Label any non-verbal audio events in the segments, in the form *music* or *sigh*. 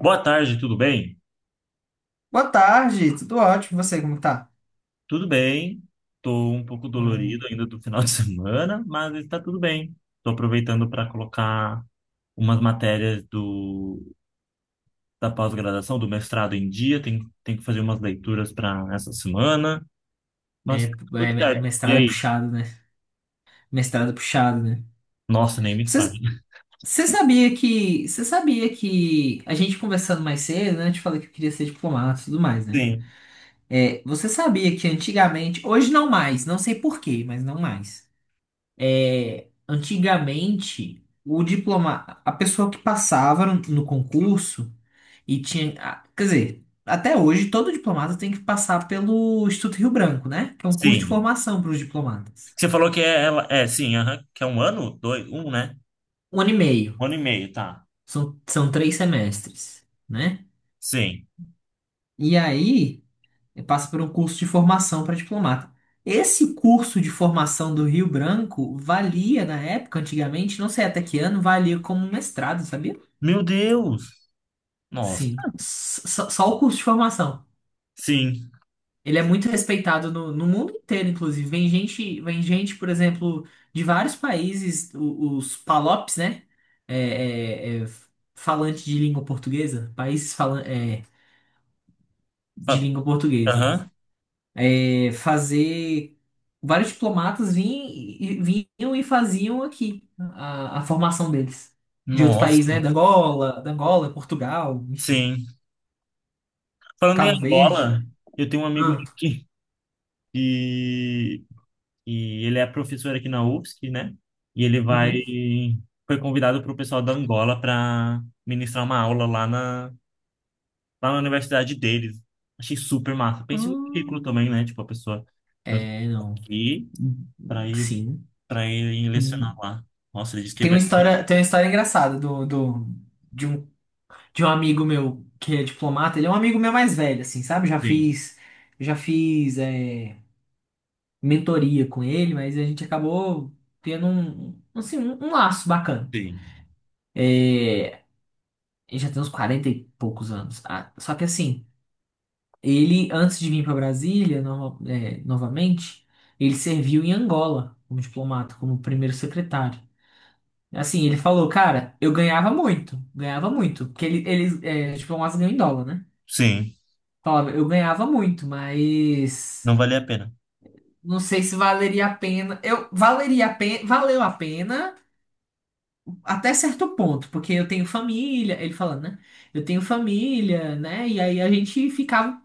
Boa tarde, tudo bem? Boa tarde, tudo ótimo. E você, como tá? Tudo bem. Tô um pouco Maravilha. dolorido ainda do final de *laughs* semana, mas está tudo bem. Tô aproveitando para colocar umas matérias do da pós-graduação, do mestrado em dia. Tem que fazer umas leituras para essa semana, mas tá tudo certo. E Mestrado é aí? puxado, né? Mestrado é puxado, né? Nossa, nem me fale. Você, *laughs* você sabia que a gente conversando mais cedo, né? Eu te falei que eu queria ser diplomata e tudo mais, né? Sim, Você sabia que antigamente, hoje não mais, não sei por quê, mas não mais. Antigamente, o diploma, a pessoa que passava no concurso e tinha, quer dizer, até hoje todo diplomata tem que passar pelo Instituto Rio Branco, né? Que é um curso de sim. formação para os diplomatas. Você falou que é ela, é sim, aham, que é um ano, dois, um, né? Um ano e meio, Um ano e meio, tá? são 3 semestres, né? Sim. E aí passa por um curso de formação para diplomata. Esse curso de formação do Rio Branco valia na época, antigamente, não sei até que ano, valia como um mestrado, sabia? Meu Deus. Nossa. Sim, só o curso de formação. Sim. Ele é muito respeitado no mundo inteiro, inclusive. Vem gente, por exemplo, de vários países, os PALOPs, né? É, é, é, Falante de língua portuguesa, países falan, de Fa- língua portuguesa. Aham. É, fazer Vários diplomatas vinham, vinham e faziam aqui a formação deles. De outro Nossa. país, né? Da Angola, Portugal, enfim, Sim. Falando em Cabo Verde. Angola, eu tenho um amigo Ah, meu que, e ele é professor aqui na UFSC, né? E ele vai uhum. foi convidado para o pessoal da Angola para ministrar uma aula lá na universidade deles. Achei super massa. Pense no currículo também, Hum, né? Tipo, a pessoa foi é, não. aqui para ir Sim. para ir lecionar lá. Nossa, ele disse que Tem vai. uma história, tem uma história engraçada de um, de um amigo meu que é diplomata. Ele é um amigo meu mais velho, assim, sabe? Sim, já fiz é, Mentoria com ele, mas a gente acabou tendo um, assim, um laço bacana. sim. É, Ele já tem uns 40 e poucos anos. Ah, só que assim, ele, antes de vir para Brasília, novamente, ele serviu em Angola como diplomata, como primeiro secretário. Assim, ele falou, cara, eu ganhava muito, ganhava muito. Porque ele, eles, tipo, é umas ganham em dólar, né? Sim, Falava, eu ganhava muito, mas não valia a pena. não sei se valeria a pena. Eu valeria a pena, valeu a pena até certo ponto, porque eu tenho família, ele falando, né? Eu tenho família, né? E aí a gente ficava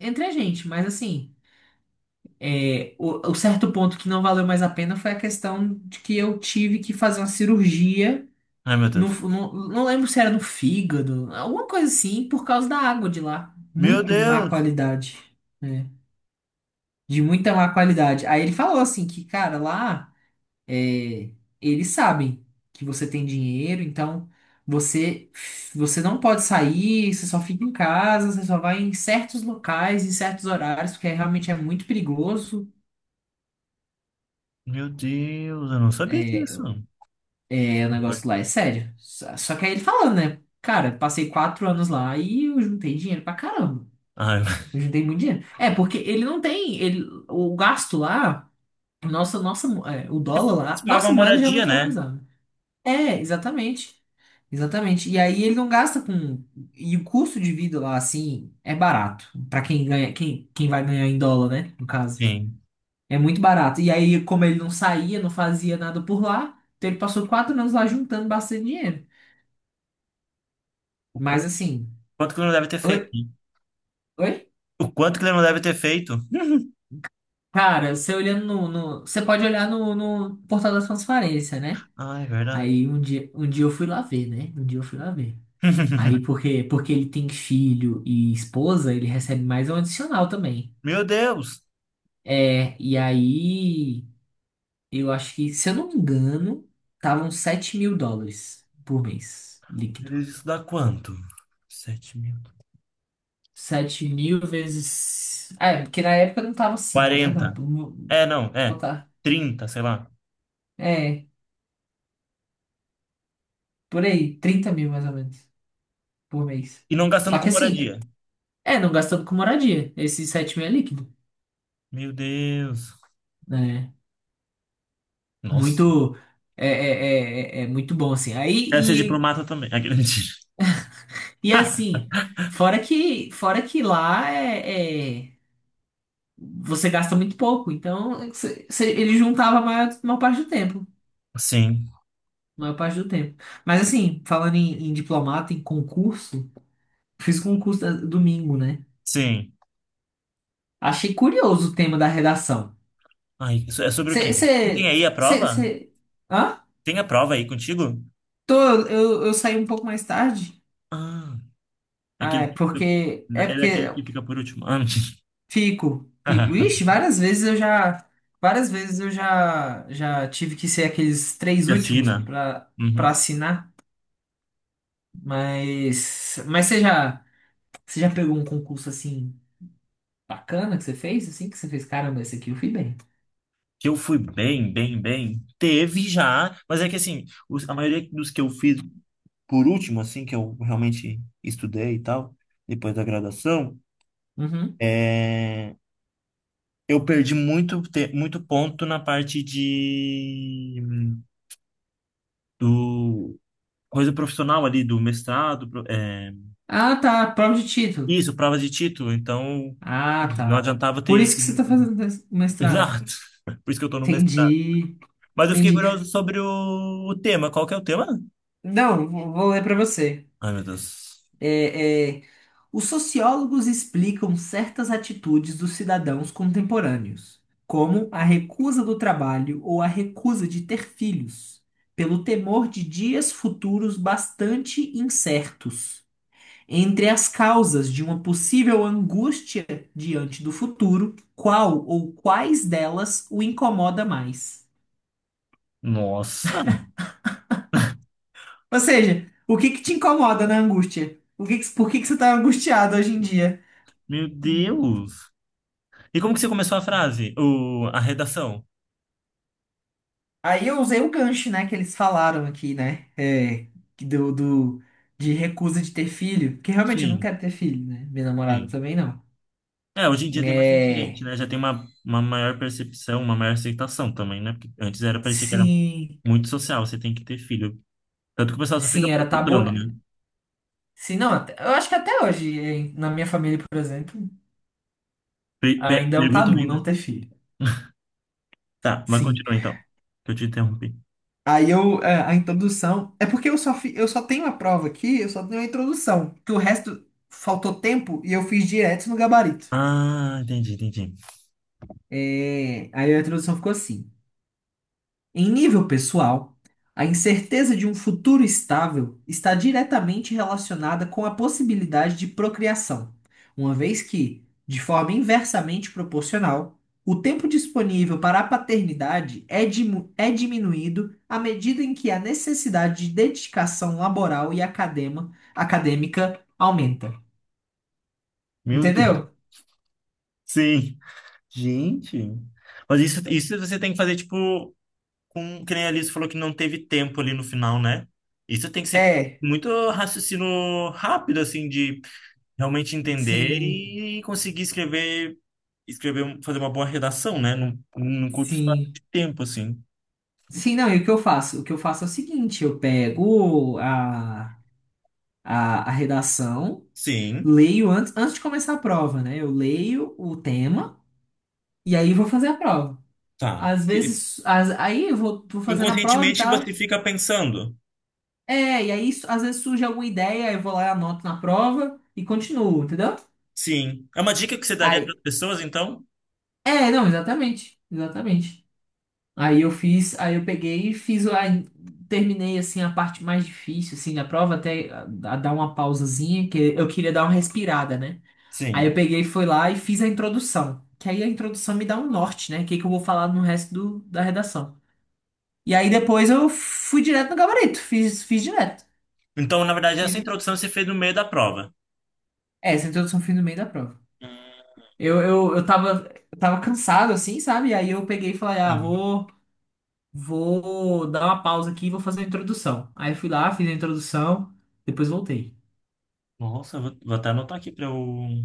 entre a gente, mas assim, o certo ponto que não valeu mais a pena foi a questão de que eu tive que fazer uma cirurgia. Ai, meu No, Deus. no- não lembro se era no fígado, alguma coisa assim, por causa da água de lá. Meu Muito má Deus! qualidade, né? De muita má qualidade. Aí ele falou assim que, cara, lá é, eles sabem que você tem dinheiro, então você, você não pode sair, você só fica em casa, você só vai em certos locais, em certos horários, porque realmente é muito perigoso. Meu Deus, eu não sabia É, disso. O Oi? negócio lá é sério. Só que aí ele falando, né? Cara, passei 4 anos lá e eu juntei dinheiro pra caramba. Ah, *laughs* Eu juntei muito dinheiro. Porque ele não tem. Ele, o gasto lá, nossa, nossa, o dólar mas lá, paga nossa uma moeda já é moradia, muito né? valorizada. É, exatamente. Exatamente. E aí ele não gasta com. E o custo de vida lá, assim, é barato. Pra quem ganha, quem vai ganhar em dólar, né? No caso. Sim. É muito barato. E aí, como ele não saía, não fazia nada por lá, então ele passou 4 anos lá juntando bastante dinheiro. O quanto, Mas assim. quanto que ele não deve ter feito, Oi? né? Oi? O quanto que ele não deve ter feito? *laughs* Cara, você olhando no, você pode olhar no portal da transparência, né? Ah, é verdade. Aí um dia eu fui lá ver, né? Um dia eu fui lá ver. Aí *laughs* porque ele tem filho e esposa, ele recebe mais um adicional também. Meu Deus! E aí eu acho que, se eu não me engano, estavam US$ 7.000 por mês, líquido. Isso dá quanto? 7 mil. 7 mil vezes. Ah, porque na época não tava 5, né? 40? Vamos É, não, é. botar. Trinta, sei lá. É, por aí, 30 mil mais ou menos por mês. E não gastando Só que com assim, moradia. Não gastando com moradia. Esses 7 mil é líquido, Meu Deus. né? Nossa. Muito é muito bom assim. Quero ser Aí e, diplomata também. Aquele *laughs* mentira. e assim, fora que lá você gasta muito pouco, então ele juntava a maior parte do tempo, Sim, maior parte do tempo. Mas assim, falando em diplomata, em concurso, fiz concurso domingo, né? sim. Achei curioso o tema da redação. Ai, isso é sobre o quê? Você Você tem aí a você prova? você Hã? Tem a prova aí contigo? Tô, eu saí um pouco mais tarde. Ah. Ah, Aquele é que, porque é é porque daquele que fica por último. Ah, *laughs* fico, fico. Ixi, várias vezes eu já tive que ser aqueles três que últimos assina. para Uhum. para assinar, mas você já pegou um concurso assim bacana que você fez, assim que você fez, caramba, esse aqui eu fui bem. Que eu fui bem, bem, bem. Teve já, mas é que assim, a maioria dos que eu fiz por último, assim, que eu realmente estudei e tal, depois da graduação, Uhum. é, eu perdi muito, muito ponto na parte de do coisa profissional ali, do mestrado, é, Ah, tá, prova de título. isso, provas de título, então Ah, não tá. adiantava Por ter isso ido. que você tá fazendo mestrado. Exato. *laughs* Por isso que eu tô no mestrado. Entendi, Mas eu fiquei entendi. curioso sobre o tema. Qual que é o tema? Não, vou ler para você. Ai, meu Deus. é é, Os sociólogos explicam certas atitudes dos cidadãos contemporâneos, como a recusa do trabalho ou a recusa de ter filhos, pelo temor de dias futuros bastante incertos. Entre as causas de uma possível angústia diante do futuro, qual ou quais delas o incomoda mais? Nossa, Ou seja, o que que te incomoda na angústia? Por que que você está angustiado hoje em dia? meu Deus. E como que você começou a frase? A redação? Aí eu usei o gancho, né, que eles falaram aqui, né? Que do, do- de recusa de ter filho. Porque realmente eu não Sim, quero ter filho, né? Minha namorada sim. também não. É, hoje em dia tem bastante gente, É. né? Já tem uma maior percepção, uma maior aceitação também, né? Porque antes era, parecia que era Sim. muito social, você tem que ter filho. Tanto que o pessoal só fica Sim, era tabu. perguntando, né? Sim, não, eu acho que até hoje, na minha família, por exemplo, ainda é um Perguntam tabu ainda? não ter filho. Tá, mas Sim. continua então, que eu te interrompi. A introdução. É porque eu só tenho a prova aqui, eu só tenho a introdução. Porque o resto faltou tempo e eu fiz direto no gabarito. Ah, entendi, entendi. Aí a introdução ficou assim. Em nível pessoal, a incerteza de um futuro estável está diretamente relacionada com a possibilidade de procriação, uma vez que, de forma inversamente proporcional, o tempo disponível para a paternidade é, diminuído à medida em que a necessidade de dedicação laboral e acadêmica aumenta. Meu Deus. Entendeu? Sim. Gente. Mas isso você tem que fazer, tipo, com, que nem a Alice falou que não teve tempo ali no final, né? Isso tem que ser É, muito raciocínio rápido, assim, de realmente entender sim, e conseguir escrever, escrever, fazer uma boa redação, né? Num curto espaço sim. de tempo, assim. Sim, não, e o que eu faço? O que eu faço é o seguinte, eu pego a, redação, Sim, leio antes de começar a prova, né? Eu leio o tema e aí vou fazer a prova. tá. Às vezes, aí eu vou fazendo a prova e Inconscientemente você tal. fica pensando. E aí às vezes surge alguma ideia, eu vou lá, anoto na prova e continuo, entendeu? Sim. É uma dica que você daria para as Aí, pessoas, então? é, não, exatamente, exatamente. Aí eu peguei e terminei assim a parte mais difícil assim da prova até a dar uma pausazinha que eu queria dar uma respirada, né? Aí eu Sim. peguei, fui lá e fiz a introdução. Que aí a introdução me dá um norte, né? O que que eu vou falar no resto da redação. E aí depois eu fui direto no gabarito, fiz direto. Então, na verdade, essa E introdução você fez no meio da prova. Essa introdução eu fiz no meio da prova. Eu tava cansado, assim, sabe? Aí eu peguei e falei, ah, Sim. vou dar uma pausa aqui e vou fazer a introdução. Aí eu fui lá, fiz a introdução, depois voltei. Nossa, vou até anotar aqui para eu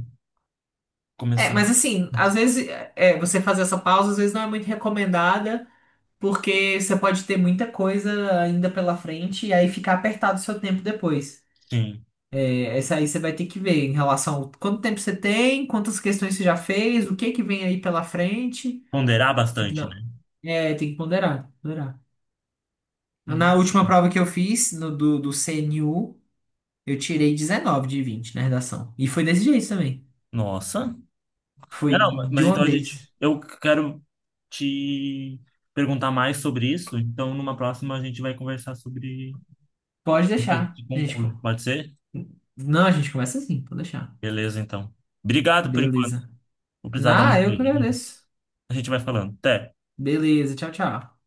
Começar, Mas assim, às vezes você fazer essa pausa, às vezes não é muito recomendada. Porque você pode ter muita coisa ainda pela frente e aí ficar apertado o seu tempo depois. sim, Essa aí você vai ter que ver em relação ao quanto tempo você tem, quantas questões você já fez, o que que vem aí pela frente. ponderar Tem que bastante, né? não. É, tem que ponderar, ponderar. Na Uhum. última prova que eu fiz, no, do, do CNU, eu tirei 19 de 20 na redação. E foi desse jeito também. Nossa. Foi É, não, mas de uma então a vez. gente, eu quero te perguntar mais sobre isso, então numa próxima a gente vai conversar sobre Pode dicas deixar. de A gente, concurso, co- pode ser? não, a gente começa assim, pode deixar. Beleza, então. Obrigado por enquanto. Beleza. Vou precisar dar uma Ah, eu que saída. agradeço. A gente vai falando. Até. Beleza, tchau, tchau.